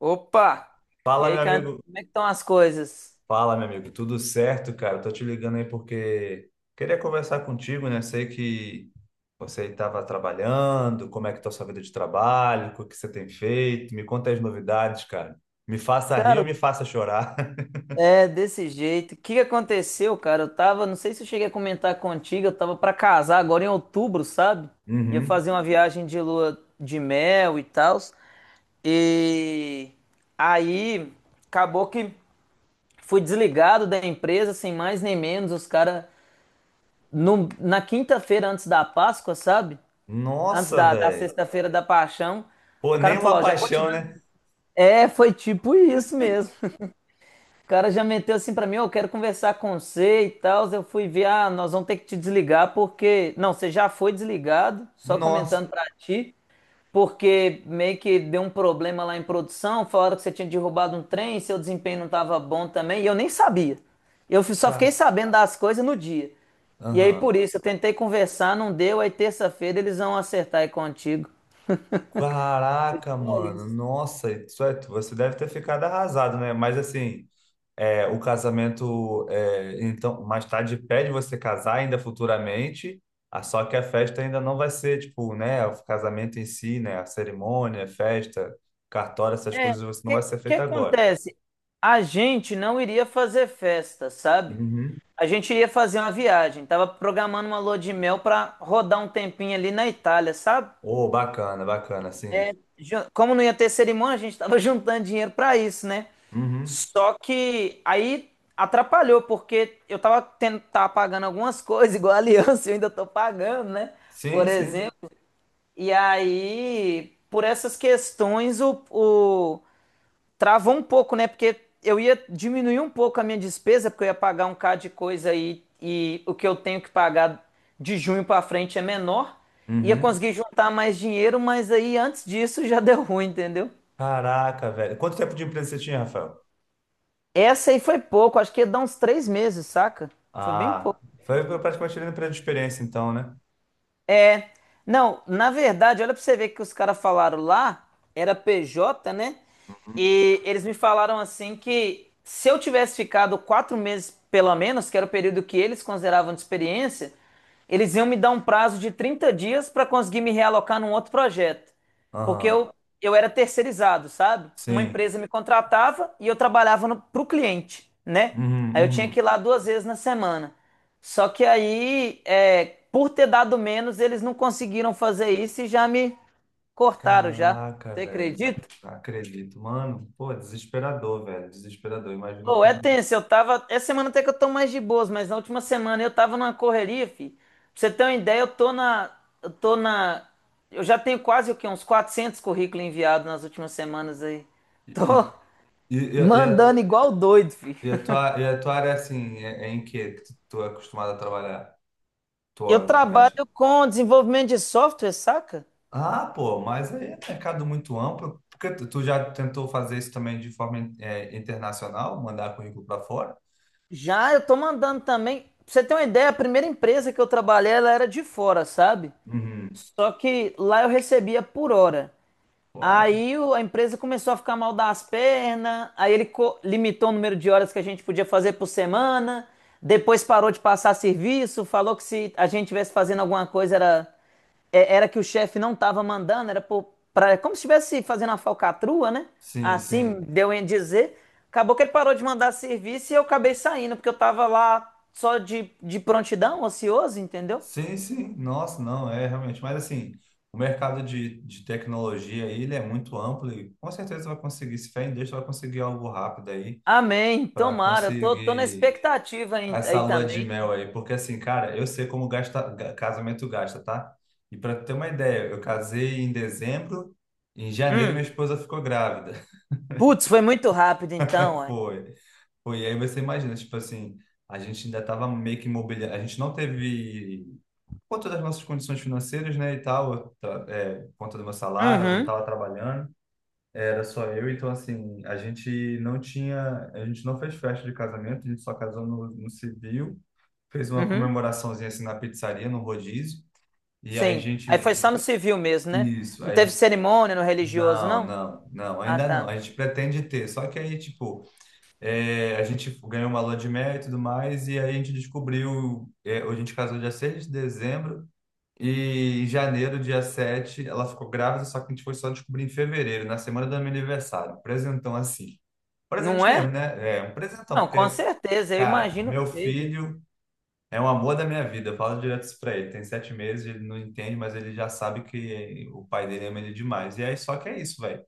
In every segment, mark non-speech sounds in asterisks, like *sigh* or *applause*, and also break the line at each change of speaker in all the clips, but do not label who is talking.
Opa! E
Fala,
aí,
meu
cara,
amigo.
como é que estão as coisas?
Fala, meu amigo. Tudo certo, cara? Tô te ligando aí porque queria conversar contigo, né? Sei que você estava trabalhando, como é que tá a sua vida de trabalho, o que você tem feito? Me conta as novidades, cara. Me faça rir ou
Cara,
me faça chorar. *laughs*
é desse jeito. O que aconteceu, cara? Não sei se eu cheguei a comentar contigo, eu tava pra casar agora em outubro, sabe? Ia
Uhum.
fazer uma viagem de lua de mel e tal. E aí acabou que fui desligado da empresa, sem mais nem menos. Os caras, na quinta-feira antes da Páscoa, sabe? Antes
Nossa,
da
velho.
sexta-feira da Paixão,
Pô,
o cara
nem
me falou:
uma
ó, já vou te
paixão,
dar.
né?
É, foi tipo isso mesmo. O cara já meteu assim pra mim, ó, eu quero conversar com você e tal. Eu fui ver, ah, nós vamos ter que te desligar porque. Não, você já foi desligado, só
Nossa,
comentando pra ti, porque meio que deu um problema lá em produção. Falaram que você tinha derrubado um trem, seu desempenho não tava bom também, e eu nem sabia. Só fiquei
cara.
sabendo das coisas no dia. E aí por
Aham.
isso, eu tentei conversar, não deu. Aí terça-feira eles vão acertar aí contigo.
Caraca,
Só
mano.
isso.
Nossa, você deve ter ficado arrasado, né? Mas assim, o casamento, então, mais tarde pede você casar ainda futuramente, ah, só que a festa ainda não vai ser, tipo, né, o casamento em si, né, a cerimônia, a festa, cartório, essas
É, o
coisas, você não vai
que,
ser
que
feita agora.
acontece? A gente não iria fazer festa, sabe?
Uhum.
A gente ia fazer uma viagem, tava programando uma lua de mel pra rodar um tempinho ali na Itália, sabe?
Oh, bacana, bacana,
É,
sim.
como não ia ter cerimônia, a gente tava *laughs* juntando dinheiro pra isso, né?
Uhum.
Só que aí atrapalhou, porque tava pagando algumas coisas, *laughs* igual a aliança, *laughs* eu ainda tô pagando, né? Por
Sim, sim.
exemplo. E aí, por essas questões, travou um pouco, né? Porque eu ia diminuir um pouco a minha despesa, porque eu ia pagar um K de coisa aí e o que eu tenho que pagar de junho para frente é menor. Ia
Uhum.
conseguir juntar mais dinheiro, mas aí antes disso *laughs* já deu ruim, entendeu?
Caraca, velho. Quanto tempo de empresa você tinha, Rafael?
Essa aí foi pouco, acho que ia dar uns três meses, saca? Foi bem
Ah,
pouco.
foi praticamente ali no período de experiência, então, né?
Não, na verdade, olha pra você ver que os caras falaram lá, era PJ, né?
Uhum.
E eles me falaram assim que se eu tivesse ficado quatro meses, pelo menos, que era o período que eles consideravam de experiência, eles iam me dar um prazo de 30 dias para conseguir me realocar num outro projeto. Porque
Aham.
eu era terceirizado, sabe? Uma
Sim.
empresa me contratava e eu trabalhava no, pro cliente, né?
Uhum,
Aí eu tinha que ir
uhum.
lá duas vezes na semana. Só que aí, é, por ter dado menos, eles não conseguiram fazer isso e já me cortaram já.
Caraca,
Você
velho.
acredita?
Não acredito. Mano, pô, desesperador, velho. Desesperador. Imagino
Pô, é
como.
tenso, eu tava. Essa semana até que eu tô mais de boas, mas na última semana eu tava numa correria, fi. Pra você ter uma ideia, eu tô na. Eu tô na. Eu já tenho quase o quê? Uns 400 currículos enviados nas últimas semanas aí.
E, e,
Tô *laughs*
e, e a,
mandando igual doido, fi.
e a tua área, assim, é em que tu é acostumado a trabalhar?
Eu
Tu mexe?
trabalho com desenvolvimento de software, saca?
Ah, pô, mas aí é mercado muito amplo. Porque tu já tentou fazer isso também de forma, internacional, mandar currículo para fora?
Já eu tô mandando também. Pra você ter uma ideia, a primeira empresa que eu trabalhei, ela era de fora, sabe?
Uhum.
Só que lá eu recebia por hora.
Pô, é.
A empresa começou a ficar mal das pernas, aí ele limitou o número de horas que a gente podia fazer por semana, depois parou de passar serviço, falou que se a gente tivesse fazendo alguma coisa era, era que o chefe não estava mandando, era é como se estivesse fazendo uma falcatrua, né?
Sim,
Assim
sim.
deu em dizer. Acabou que ele parou de mandar serviço e eu acabei saindo, porque eu tava lá só de prontidão, ocioso, entendeu?
Sim, sim. Nossa, não, é realmente. Mas assim, o mercado de tecnologia aí, ele é muito amplo e com certeza vai conseguir, se fé em Deus, vai conseguir algo rápido aí
Amém,
para
tomara, tô na
conseguir
expectativa aí,
essa
aí
lua de
também.
mel aí. Porque assim, cara, eu sei como gasta, casamento gasta, tá? E para ter uma ideia, eu casei em dezembro, em janeiro minha
Hum.
esposa ficou grávida.
Putz, foi muito rápido então,
*laughs*
ué.
Foi. Foi, e aí você imagina, tipo assim, a gente ainda tava meio que imobiliário, a gente não teve por conta das nossas condições financeiras, né, e tal, por conta do meu salário, eu não
Uhum,
estava trabalhando, era só eu, então, assim, a gente não fez festa de casamento, a gente só casou no civil, fez uma
uhum,
comemoraçãozinha, assim, na pizzaria, no rodízio, e aí a
sim.
gente,
Aí foi só no civil mesmo, né?
isso,
Não
aí a
teve
gente,
cerimônia no religioso,
não,
não?
não, não,
Ah,
ainda não,
tá.
a gente pretende ter, só que aí, tipo, a gente ganhou uma lua de mel e tudo mais, e aí a gente descobriu, a gente casou dia 6 de dezembro. E em janeiro, dia 7 ela ficou grávida, só que a gente foi só descobrir em fevereiro, na semana do meu aniversário. Um presentão assim.
Não
Presente
é?
mesmo, né? É um presentão,
Não, com
porque,
certeza, eu
cara, o
imagino que
meu
seja.
filho é um amor da minha vida. Eu falo direto isso pra ele. Tem 7 meses, ele não entende, mas ele já sabe que o pai dele ama ele demais. E aí, só que é isso, velho.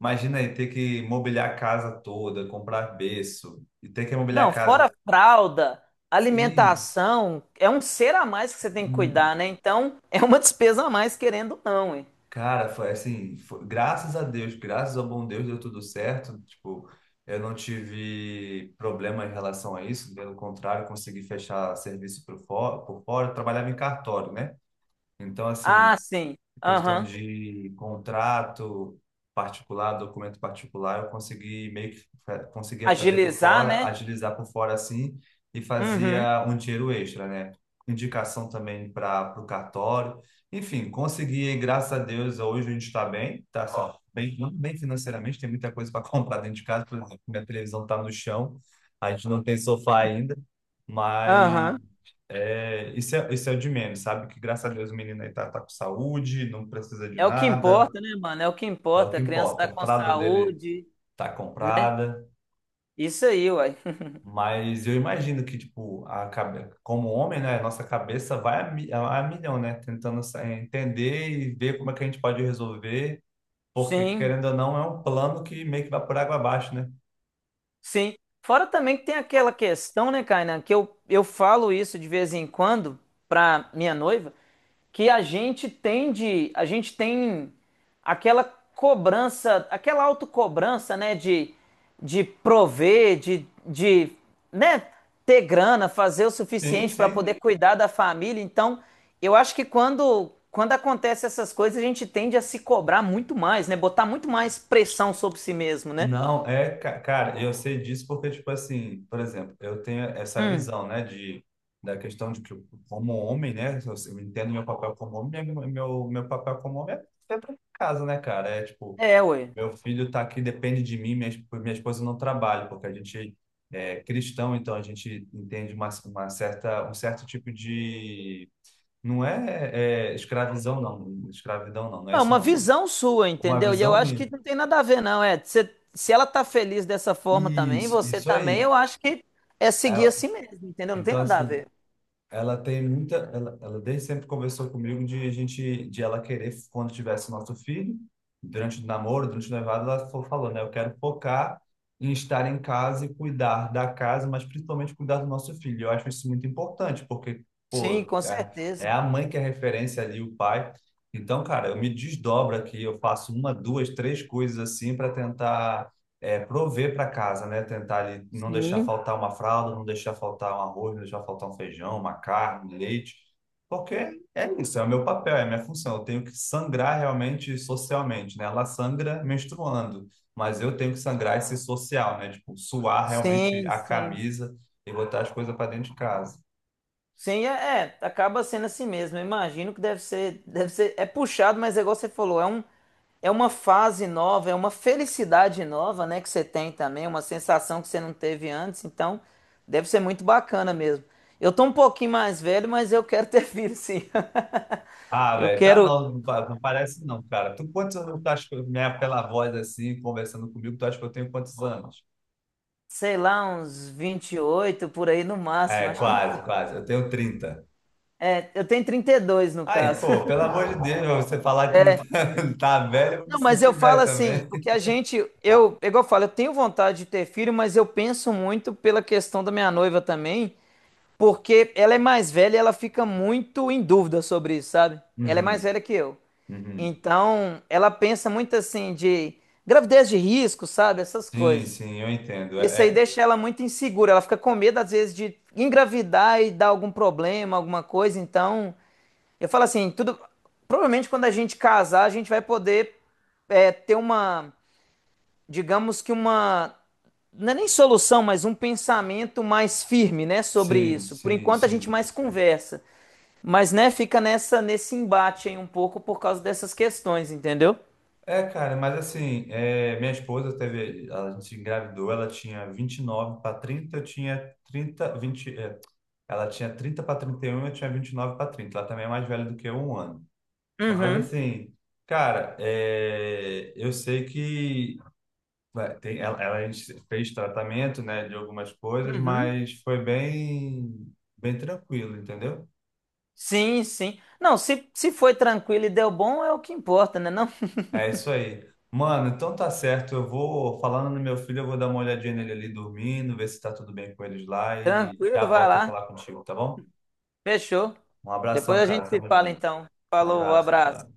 Imagina aí ter que mobiliar a casa toda, comprar berço, e ter que mobiliar a
Não, fora
casa.
fralda,
Sim,
alimentação, é um ser a mais que você tem que cuidar, né? Então, *laughs* é uma despesa a mais, querendo ou não, hein?
cara, foi assim, graças a Deus, graças ao bom Deus deu tudo certo. Tipo, eu não tive problema em relação a isso, pelo contrário, consegui fechar serviço por fora, por fora. Eu trabalhava em cartório, né? Então,
Ah,
assim,
sim.
questão
Aham.
de contrato particular, documento particular, eu consegui meio que fa- conseguia fazer por
Agilizar,
fora,
né?
agilizar por fora assim e
Uhum.
fazia um dinheiro extra, né? Indicação também para o cartório. Enfim, consegui, graças a Deus, hoje a gente está bem, tá só bem, não bem financeiramente, tem muita coisa para *laughs* comprar dentro de casa, por exemplo, minha televisão está no chão, a gente não tem sofá ainda, mas
Aham.
isso é o de menos, sabe? Que graças a Deus o menino aí tá, tá com saúde, não precisa de
É o que
nada,
importa, né, mano? É o que
é o
importa.
que
A criança
importa.
tá
A
com
fralda dele
saúde,
tá
né?
comprada,
Isso aí, uai.
mas eu imagino que, tipo, como homem, né? A nossa cabeça vai a, mi- a milhão, né? Tentando entender e ver como é que a gente pode resolver, porque
Sim,
querendo ou não, é um plano que meio que vai por água abaixo, né?
sim. Fora também que tem aquela questão, né, Kainan, que eu falo isso de vez em quando pra minha noiva, que a gente tem aquela cobrança, aquela autocobrança, né, de prover, né, ter grana, fazer o
Sim,
suficiente para
sim.
poder cuidar da família. Então, eu acho que quando acontece essas coisas, a gente tende a se cobrar muito mais, né, botar muito mais pressão sobre si mesmo, né?
Não, cara, eu sei disso porque, tipo assim, por exemplo, eu tenho essa
Hum.
visão, né, da questão de que, eu, como homem, né, eu entendo meu papel como homem, né, meu papel como homem é pra casa, né, cara? É tipo,
É, ué.
meu filho tá aqui, depende de mim, minha esposa não trabalha, porque a gente é cristão, então a gente entende uma certa, um certo tipo de. Não é escravidão, não, não é
Não,
isso,
uma
não, mano.
visão sua,
Uma
entendeu? E eu
visão
acho
minha.
que não tem nada a ver, não. Se ela tá feliz dessa forma também,
Isso,
você
isso
também,
aí.
eu acho que é seguir
É,
assim mesmo, entendeu? Não tem
Então,
nada a
assim,
ver.
ela tem muita. Ela desde sempre conversou comigo de a gente, de ela querer, quando tivesse nosso filho, durante o namoro, durante o noivado, ela falou, né? Eu quero focar em estar em casa e cuidar da casa, mas principalmente cuidar do nosso filho. Eu acho isso muito importante, porque,
Sim,
pô,
com
é
certeza.
a mãe que é referência ali, o pai. Então, cara, eu me desdobro aqui, eu faço uma, duas, três coisas assim para tentar prover para casa, né? Tentar ali não deixar
Sim,
faltar uma fralda, não deixar faltar um arroz, não deixar faltar um feijão, uma carne, um leite, porque é isso, é o meu papel, é a minha função. Eu tenho que sangrar realmente socialmente, né? Ela sangra menstruando, mas eu tenho que sangrar esse social, né? Tipo, suar realmente
sim,
a
sim.
camisa e botar as coisas para dentro de casa.
Sim, acaba sendo assim mesmo. Eu imagino que deve ser, é puxado, mas é igual você falou, é uma fase nova, é uma felicidade nova, né, que você tem também, uma sensação que você não teve antes, então deve ser muito bacana mesmo. Eu tô um pouquinho mais velho, mas eu quero ter filho, sim. *laughs*
Ah,
Eu
velho, tá
quero,
não, não parece não, cara. Tu quantos anos tu acha que pela voz assim, conversando comigo, tu acha que eu tenho quantos anos?
sei lá, uns 28 por aí no máximo,
É,
acho que não.
quase, quase. Eu tenho 30.
É, eu tenho 32 no
Aí,
caso.
pô, pelo amor de Deus, você falar que não tá,
*laughs*
*laughs* tá velho, eu vou me
Não, mas eu
sentir
falo
velho
assim,
também.
o que a gente, eu, igual eu falo, eu tenho vontade de ter filho, mas eu penso muito pela questão da minha noiva também, porque ela é mais velha e ela fica muito em dúvida sobre isso, sabe? Ela é mais
Uhum,
velha que eu.
uhum.
Então, ela pensa muito assim de gravidez de risco, sabe? Essas
Sim,
coisas.
sim, eu entendo.
Isso
É,
aí
é-
deixa ela muito insegura, ela fica com medo às vezes de engravidar e dar algum problema, alguma coisa. Então, eu falo assim, tudo, provavelmente quando a gente casar, a gente vai poder ter uma digamos que uma, não é nem solução, mas um pensamento mais firme, né, sobre
sim,
isso. Por
sim,
enquanto a gente
sim.
mais conversa, mas né, fica nessa nesse embate aí um pouco por causa dessas questões, entendeu?
É, cara, mas assim, minha esposa teve, a gente engravidou, ela tinha 29 para 30, eu tinha 30 20, é, ela tinha 30 para 31, eu tinha 29 para 30. Ela também é mais velha do que eu um ano. Mas
Uhum,
assim, cara, eu sei que Vai, tem- ela a gente fez tratamento, né, de algumas coisas,
uhum.
mas foi bem, bem tranquilo, entendeu?
Sim, sim. Não, se foi tranquilo e deu bom, é o que importa, né? Não, *laughs*
É isso aí. Mano, então tá certo. Eu vou, falando no meu filho, eu vou dar uma olhadinha nele ali dormindo, ver se tá tudo bem com eles lá e
tranquilo,
já
vai
volto a
lá.
falar contigo, tá bom?
Fechou.
Um
Depois
abração,
a gente
cara.
se
Tamo
fala
junto.
então. Falou,
Abraço, tchau.
abraço.